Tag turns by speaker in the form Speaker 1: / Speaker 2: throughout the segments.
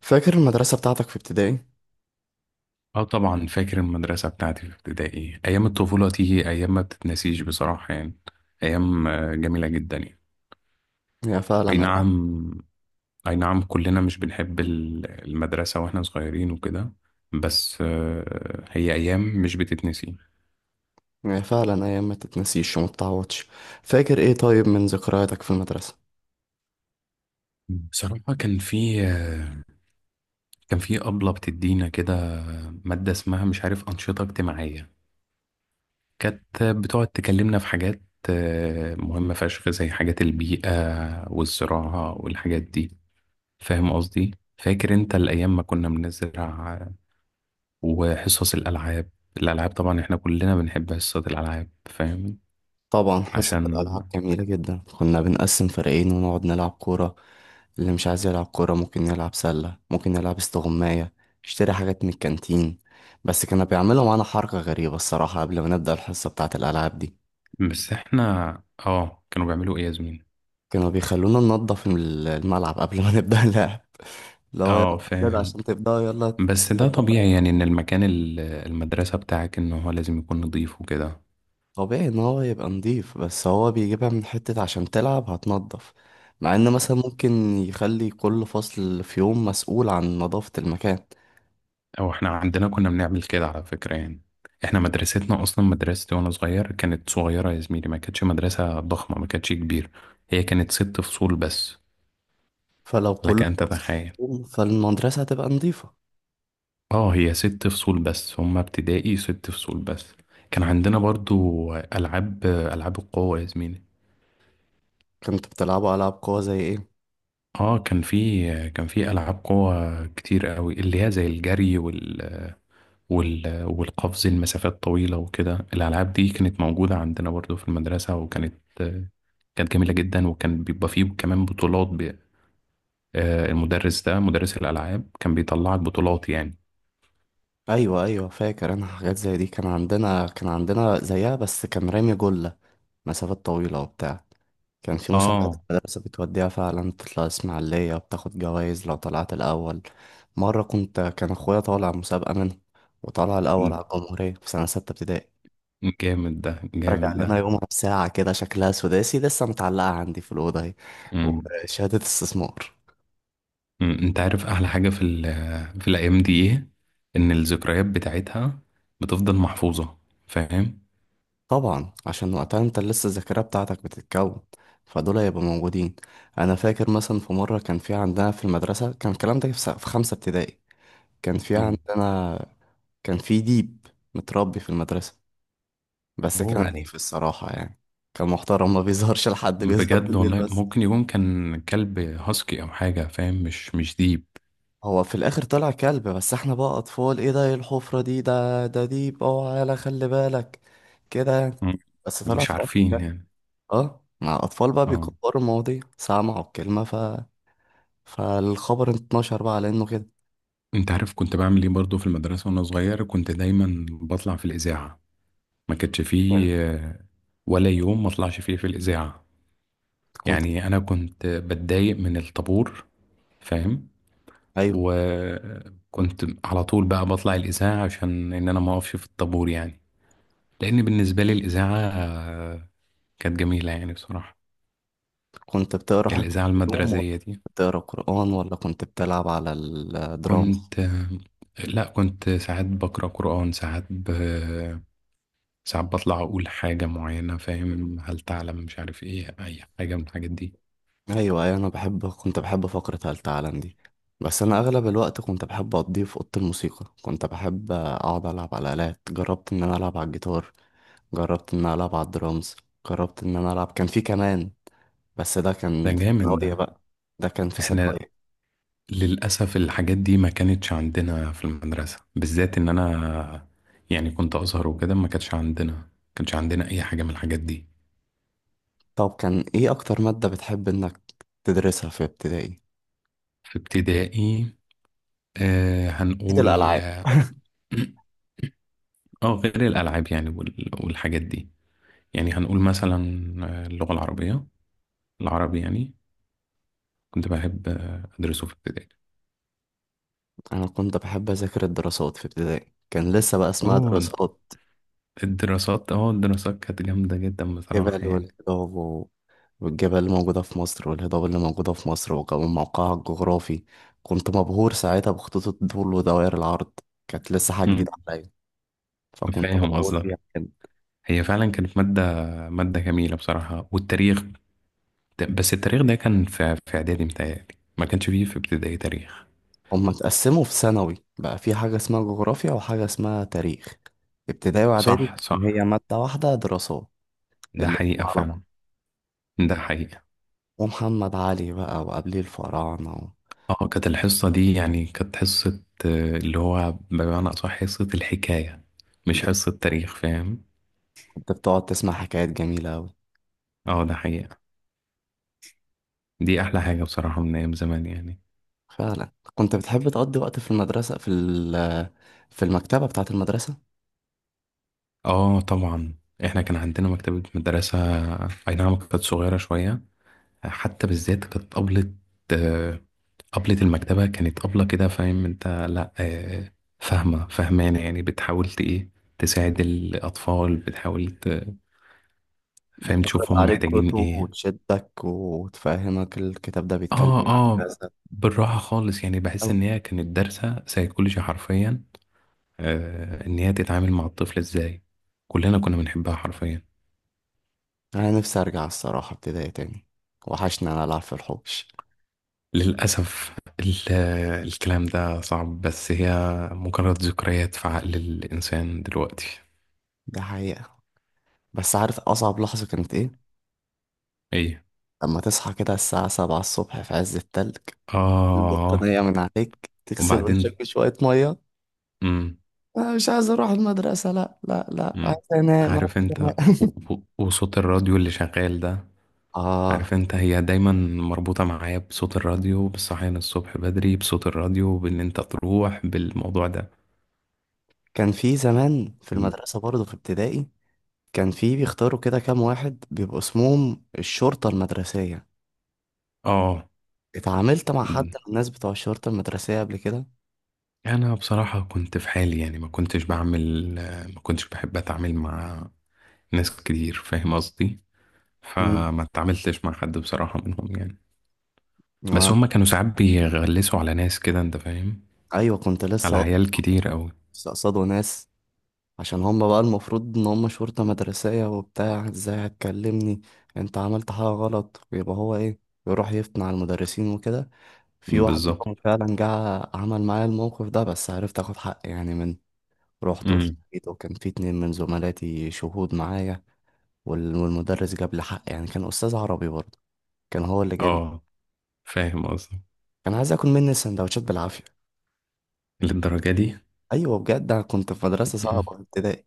Speaker 1: فاكر المدرسة بتاعتك في ابتدائي؟
Speaker 2: اه، طبعا فاكر المدرسة بتاعتي في ابتدائي. أيام الطفولة دي أيام ما بتتنسيش بصراحة يعني. أيام جميلة جدا يعني.
Speaker 1: هي فعلا
Speaker 2: أي
Speaker 1: أيام.
Speaker 2: نعم. أي نعم، كلنا مش بنحب المدرسة وإحنا صغيرين وكده. بس هي أيام مش بتتنسي.
Speaker 1: هي فعلا أيام ما تتنسيش وما تتعوضش. فاكر إيه طيب من ذكرياتك في المدرسة؟
Speaker 2: بصراحة كان في أبلة بتدينا كده مادة اسمها مش عارف أنشطة اجتماعية. كانت بتقعد تكلمنا في حاجات مهمة فشخ، زي حاجات البيئة والزراعة والحاجات دي، فاهم قصدي؟ فاكر انت الايام ما كنا بنزرع وحصص الالعاب. الالعاب طبعا احنا كلنا بنحب حصص الالعاب، فاهم؟
Speaker 1: طبعا حصة
Speaker 2: عشان
Speaker 1: الألعاب جميلة جدا، كنا بنقسم فريقين ونقعد نلعب كورة. اللي مش عايز يلعب كورة ممكن يلعب سلة، ممكن يلعب استغماية، يشتري حاجات من الكانتين. بس كانوا بيعملوا معانا حركة غريبة الصراحة قبل ما نبدأ الحصة بتاعة الألعاب دي.
Speaker 2: بس احنا اه، كانوا بيعملوا ايه يا زميلي؟
Speaker 1: كانوا بيخلونا ننضف الملعب قبل ما نبدأ اللعب. اللي هو يلا
Speaker 2: اه
Speaker 1: يا ولاد
Speaker 2: فاهم.
Speaker 1: عشان تبدأوا، يلا.
Speaker 2: بس ده طبيعي يعني، ان المكان المدرسة بتاعك ان هو لازم يكون نظيف وكده.
Speaker 1: طبيعي ان هو يبقى نضيف، بس هو بيجيبها من حتة عشان تلعب هتنضف. مع ان مثلا ممكن يخلي كل فصل في يوم مسؤول عن نظافة المكان،
Speaker 2: او احنا عندنا كنا بنعمل كده على فكرة يعني. احنا مدرستنا اصلا مدرستي وانا صغير كانت صغيرة يا زميلي، ما كانتش مدرسة ضخمة، ما كانتش كبيرة. هي كانت ست فصول بس.
Speaker 1: فلو
Speaker 2: لك
Speaker 1: كل
Speaker 2: ان
Speaker 1: فصل
Speaker 2: تتخيل.
Speaker 1: في يوم فالمدرسة هتبقى نضيفة.
Speaker 2: اه، هي ست فصول بس، هما ابتدائي ست فصول بس. كان عندنا برضو ألعاب القوة يا زميلي.
Speaker 1: كنت بتلعبوا ألعاب قوة زي ايه؟
Speaker 2: اه، كان في ألعاب قوة كتير قوي، اللي هي زي الجري والقفز المسافات طويلة وكده. الألعاب دي كانت موجودة عندنا برضو في المدرسة، وكانت جميلة جدا، وكان بيبقى فيه كمان بطولات ب... آه، المدرس ده مدرس الألعاب كان بيطلعك بطولات يعني.
Speaker 1: ايوه ايوه، فاكر انا حاجات زي دي. كان عندنا زيها، بس كان رامي جلة، مسافات طويلة وبتاع. كان في مسابقات
Speaker 2: اه
Speaker 1: المدرسة بتوديها فعلا، بتطلع إسماعيلية، بتاخد جوايز لو طلعت الأول. مرة كنت، كان أخويا طالع مسابقة منه، وطلع الأول على الجمهورية في سنة 6 ابتدائي.
Speaker 2: جامد ده، جامد
Speaker 1: رجع
Speaker 2: ده.
Speaker 1: لنا يومها بساعة كده شكلها سداسي لسه متعلقة عندي في الأوضة أهي،
Speaker 2: مم.
Speaker 1: وشهادة استثمار.
Speaker 2: انت عارف احلى حاجة في في الايام دي ايه؟ ان الذكريات بتاعتها بتفضل محفوظة، فاهم؟
Speaker 1: طبعا عشان وقتها أنت لسه الذاكرة بتاعتك بتتكون، فدول هيبقوا موجودين. أنا فاكر مثلا في مرة كان في عندنا في المدرسة، كان الكلام ده في في 5 ابتدائي. كان في
Speaker 2: مم.
Speaker 1: عندنا، كان في ديب متربي في المدرسة، بس كان
Speaker 2: اوه.
Speaker 1: أليف الصراحة يعني. كان محترم، ما بيظهرش لحد، بيظهر
Speaker 2: بجد
Speaker 1: بالليل
Speaker 2: والله،
Speaker 1: بس.
Speaker 2: ممكن يكون كان كلب هاسكي او حاجة، فاهم، مش ديب.
Speaker 1: هو في الآخر طلع كلب، بس احنا بقى أطفال: ايه ده؟ ايه الحفرة دي؟ ده ده ديب، اوعى، يالا خلي بالك كده يعني.
Speaker 2: مم.
Speaker 1: بس طلع
Speaker 2: مش
Speaker 1: في الآخر كلب.
Speaker 2: عارفين يعني.
Speaker 1: اه، مع أطفال بقى
Speaker 2: اه.
Speaker 1: بيكبروا المواضيع، سمعوا الكلمة فالخبر اتنشر بقى على إنه كده.
Speaker 2: انت عارف كنت بعمل ايه برضو في المدرسة وانا صغير؟ كنت دايما بطلع في الإذاعة. ما كانش فيه ولا يوم ما اطلعش فيه في الإذاعة.
Speaker 1: كنت،
Speaker 2: يعني انا كنت بتضايق من الطابور، فاهم؟
Speaker 1: أيوه
Speaker 2: وكنت على طول بقى بطلع الإذاعة عشان إن أنا ما أقفش في الطابور يعني. لأن بالنسبة لي الإذاعة كانت جميلة يعني بصراحة.
Speaker 1: كنت بتقرا حاجة في
Speaker 2: الإذاعة
Speaker 1: الهدوم، ولا
Speaker 2: المدرسية دي.
Speaker 1: كنت بتقرا قرآن، ولا كنت بتلعب على الدرامز؟
Speaker 2: كنت آه، لا، كنت ساعات بقرأ قرآن، ساعات بطلع أقول حاجة معينة، فاهم، هل تعلم، مش عارف إيه، أي حاجة من الحاجات دي.
Speaker 1: ايوه أيوة، انا بحب كنت بحب فقرة هل تعلم دي. بس انا اغلب الوقت كنت بحب اقضيه في اوضه الموسيقى، كنت بحب اقعد العب على الالات. جربت ان انا العب على الجيتار، جربت ان انا العب على الدرامز، جربت ان انا العب، كان في كمان، بس ده
Speaker 2: ده
Speaker 1: كان في
Speaker 2: جامد
Speaker 1: ثانويه
Speaker 2: ده.
Speaker 1: بقى. ده كان في
Speaker 2: إحنا
Speaker 1: ثانويه.
Speaker 2: للأسف الحاجات دي ما كانتش عندنا في المدرسة، بالذات إن أنا يعني كنت أزهر وكده. ما كانش عندنا أي حاجة من الحاجات دي.
Speaker 1: طب كان ايه اكتر ماده بتحب انك تدرسها في ابتدائي؟
Speaker 2: في ابتدائي؟
Speaker 1: اكيد
Speaker 2: هنقول.
Speaker 1: الالعاب.
Speaker 2: اه، غير الألعاب يعني والحاجات دي. يعني هنقول مثلا اللغة العربية، العربي يعني. كنت بحب أدرسه في ابتدائي.
Speaker 1: انا كنت بحب اذاكر الدراسات في ابتدائي، كان لسه بقى اسمها
Speaker 2: أوه.
Speaker 1: دراسات.
Speaker 2: الدراسات، الدراسات كانت جامدة جدا بصراحة
Speaker 1: جبل
Speaker 2: يعني.
Speaker 1: والجواب، والجبال اللي موجودة في مصر والهضاب اللي موجودة في مصر، وكمان موقعها الجغرافي. كنت مبهور ساعتها بخطوط الطول ودوائر العرض، كانت لسه حاجة
Speaker 2: مم.
Speaker 1: جديدة عليا، فكنت
Speaker 2: فاهم
Speaker 1: مبهور
Speaker 2: قصدك.
Speaker 1: بيها كده.
Speaker 2: هي فعلا كانت مادة، جميلة بصراحة. والتاريخ، بس التاريخ ده كان في اعدادي متهيألي، ما كانش فيه في ابتدائي تاريخ.
Speaker 1: هما اتقسموا في ثانوي بقى في حاجة اسمها جغرافيا وحاجة اسمها تاريخ. ابتدائي وإعدادي
Speaker 2: صح،
Speaker 1: كان هي
Speaker 2: صح،
Speaker 1: مادة واحدة، دراسات،
Speaker 2: ده
Speaker 1: الاتنين
Speaker 2: حقيقة
Speaker 1: على بعض.
Speaker 2: فعلا. ده حقيقة.
Speaker 1: ومحمد علي بقى وقبليه الفراعنة
Speaker 2: اه كانت الحصة دي يعني كانت حصة اللي هو بمعنى أصح حصة الحكاية، مش حصة تاريخ، فاهم؟
Speaker 1: كنت بتقعد تسمع حكايات جميلة أوي.
Speaker 2: اه ده حقيقة. دي أحلى حاجة بصراحة من أيام زمان يعني.
Speaker 1: فعلا كنت بتحب تقضي وقت في المدرسة في في المكتبة بتاعة المدرسة.
Speaker 2: اه طبعا، احنا كان عندنا مكتبة مدرسة. أي نعم، كانت صغيرة شوية. حتى بالذات كانت أبلة طبلة المكتبة، كانت طبلة كده، فاهم انت، لا فاهمة فاهمانة يعني، بتحاول ايه، تساعد الأطفال، بتحاول فاهم،
Speaker 1: بتعرض
Speaker 2: تشوفهم
Speaker 1: عليك
Speaker 2: محتاجين
Speaker 1: كتب
Speaker 2: ايه.
Speaker 1: وتشدك وتفهمك الكتاب ده بيتكلم
Speaker 2: اه
Speaker 1: عن
Speaker 2: اه.
Speaker 1: كذا،
Speaker 2: بالراحة خالص يعني. بحس
Speaker 1: أو
Speaker 2: ان هي كانت دارسة سيكولوجي حرفيا. ان هي تتعامل مع الطفل ازاي. كلنا كنا بنحبها حرفيا.
Speaker 1: أنا نفسي أرجع الصراحة ابتدائي تاني، وحشني أنا ألعب في الحوش.
Speaker 2: للأسف الكلام ده صعب، بس هي مجرد ذكريات في عقل الإنسان دلوقتي.
Speaker 1: ده حقيقة. بس عارف أصعب لحظة كانت إيه؟
Speaker 2: ايه؟
Speaker 1: لما تصحى كده الساعة 7 الصبح في عز التلج،
Speaker 2: اه.
Speaker 1: البطانية من عليك، تغسل وشك
Speaker 2: وبعدين؟
Speaker 1: بشوية مية. أنا مش عايز أروح المدرسة، لأ لأ لأ، عايز
Speaker 2: مم.
Speaker 1: أنام، عايز
Speaker 2: عارف انت، و-
Speaker 1: أنام.
Speaker 2: وصوت الراديو اللي شغال ده.
Speaker 1: آه.
Speaker 2: عارف انت، هي دايما مربوطة معايا بصوت الراديو، بالصحيان الصبح بدري بصوت الراديو، بان انت تروح بالموضوع ده.
Speaker 1: كان في زمان في
Speaker 2: م-
Speaker 1: المدرسة برضه في ابتدائي، كان في بيختاروا كده كام واحد بيبقوا اسمهم الشرطة المدرسية.
Speaker 2: اه.
Speaker 1: اتعاملت مع حد
Speaker 2: م-
Speaker 1: من الناس بتوع الشرطة المدرسية قبل كده؟
Speaker 2: انا بصراحة كنت في حالي يعني، ما كنتش بحب اتعامل مع ناس كتير، فاهم قصدي؟
Speaker 1: مم.
Speaker 2: فما اتعاملتش مع حد بصراحة منهم يعني. بس هما
Speaker 1: آه.
Speaker 2: كانوا ساعات بيغلسوا على ناس كده، انت فاهم،
Speaker 1: أيوة كنت
Speaker 2: على
Speaker 1: لسه
Speaker 2: عيال كتير قوي.
Speaker 1: لسه قصادوا ناس، عشان هم بقى المفروض إن هم شرطة مدرسية وبتاع، ازاي هتكلمني؟ انت عملت حاجة غلط ويبقى هو ايه، يروح يفتن على المدرسين وكده. في واحد
Speaker 2: بالظبط.
Speaker 1: منهم فعلا جه عمل معايا الموقف ده، بس عرفت اخد حقي يعني. من، رحت
Speaker 2: امم
Speaker 1: واشتكيت، وكان في 2 من زملاتي شهود معايا، والمدرس جاب لي حق يعني. كان أستاذ عربي برضه، كان هو اللي جاب لي.
Speaker 2: اه فاهم قصدي.
Speaker 1: كان عايز آكل مني السندوتشات بالعافية.
Speaker 2: للدرجة دي؟
Speaker 1: أيوة بجد، أنا كنت في مدرسة
Speaker 2: م-
Speaker 1: صعبة في ابتدائي،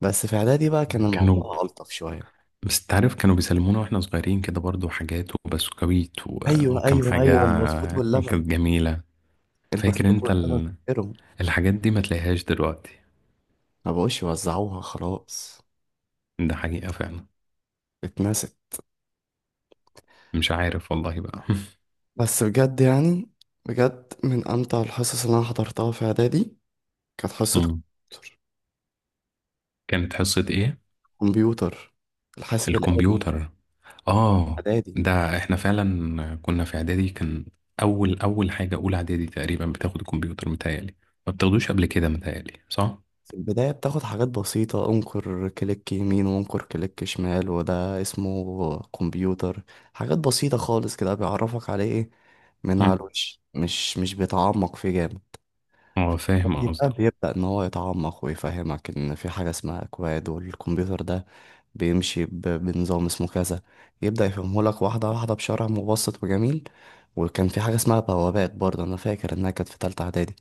Speaker 1: بس في إعدادي بقى كان
Speaker 2: كانوا
Speaker 1: الموضوع ألطف شوية.
Speaker 2: بس تعرف، كانوا بيسلمونا واحنا صغيرين كده برضو حاجات وبسكويت
Speaker 1: أيوة
Speaker 2: وكم
Speaker 1: أيوة
Speaker 2: حاجة،
Speaker 1: أيوة، البسكوت
Speaker 2: كانت
Speaker 1: واللبن.
Speaker 2: جميلة. فاكر
Speaker 1: البسكوت
Speaker 2: انت
Speaker 1: واللبن، فاكرهم.
Speaker 2: الحاجات دي ما تلاقيهاش دلوقتي.
Speaker 1: ما بقوش يوزعوها خلاص،
Speaker 2: ده حقيقة فعلا.
Speaker 1: اتنست.
Speaker 2: مش عارف والله بقى.
Speaker 1: بس بجد يعني، بجد من أمتع الحصص اللي أنا حضرتها في إعدادي كانت حصة
Speaker 2: مم. كانت حصة ايه؟
Speaker 1: كمبيوتر، الحاسب الآلي.
Speaker 2: الكمبيوتر. اه.
Speaker 1: إعدادي.
Speaker 2: ده احنا فعلا كنا في اعدادي. اول، اول حاجة اولى اعدادي تقريبا بتاخد الكمبيوتر متهيألي، ما بتاخدوش قبل كده متهيألي، صح؟
Speaker 1: في البداية بتاخد حاجات بسيطة: انقر كليك يمين وانقر كليك شمال وده اسمه كمبيوتر. حاجات بسيطة خالص كده، بيعرفك عليه ايه، من
Speaker 2: مم.
Speaker 1: على الوش، مش بيتعمق فيه جامد.
Speaker 2: اه فاهم
Speaker 1: يبقى
Speaker 2: قصدك.
Speaker 1: بيبدأ ان هو يتعمق ويفهمك ان في حاجة اسمها اكواد، والكمبيوتر ده بيمشي بنظام اسمه كذا. يبدأ يفهمهولك واحدة واحدة بشرح مبسط وجميل. وكان في حاجة اسمها بوابات برضه، انا فاكر انها كانت في تالتة اعدادي.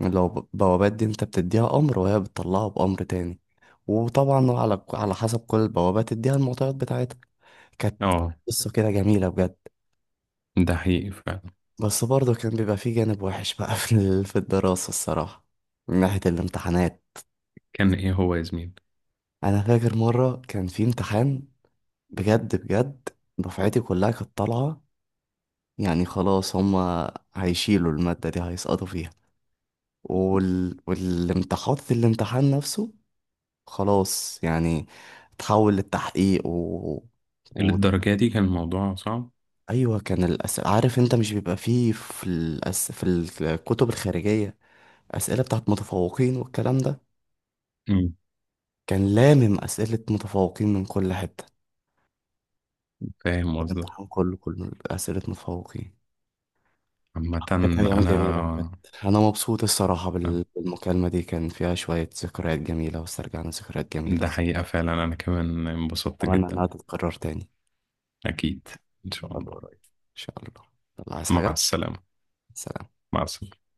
Speaker 1: لو بوابات دي انت بتديها امر وهي بتطلعه بامر تاني، وطبعا على حسب كل البوابات تديها المعطيات بتاعتها. كانت
Speaker 2: اه
Speaker 1: قصة كده جميلة بجد.
Speaker 2: ده حقيقي فعلا.
Speaker 1: بس برضه كان بيبقى فيه جانب وحش بقى في في الدراسة الصراحة، من ناحية الامتحانات.
Speaker 2: كان ايه هو يا زميل؟
Speaker 1: انا فاكر مرة كان في امتحان، بجد بجد، دفعتي كلها كانت طالعة، يعني خلاص هما هيشيلوا المادة دي هيسقطوا فيها. والامتحان، الامتحان نفسه، خلاص يعني، تحول للتحقيق و...
Speaker 2: للدرجة دي كان الموضوع صعب؟
Speaker 1: ايوه، كان الاسئله، عارف انت مش بيبقى فيه في في الكتب الخارجيه اسئله بتاعت متفوقين والكلام ده.
Speaker 2: مم.
Speaker 1: كان لامم اسئله متفوقين من كل حته،
Speaker 2: فاهم قصدك.
Speaker 1: الامتحان كله، كله اسئله متفوقين.
Speaker 2: عامة.
Speaker 1: كانت ايام
Speaker 2: انا
Speaker 1: جميله بجد. انا مبسوط الصراحه بالمكالمه دي، كان فيها شويه ذكريات جميله واسترجعنا ذكريات جميله.
Speaker 2: ده حقيقة فعلا، انا كمان انبسطت
Speaker 1: اتمنى انها
Speaker 2: جدا.
Speaker 1: تتكرر تاني
Speaker 2: اكيد. ان شاء
Speaker 1: فترة
Speaker 2: الله.
Speaker 1: قريبة. ان شاء الله. يلا، عايز
Speaker 2: مع
Speaker 1: حاجه؟
Speaker 2: السلامة.
Speaker 1: سلام.
Speaker 2: مع السلامة.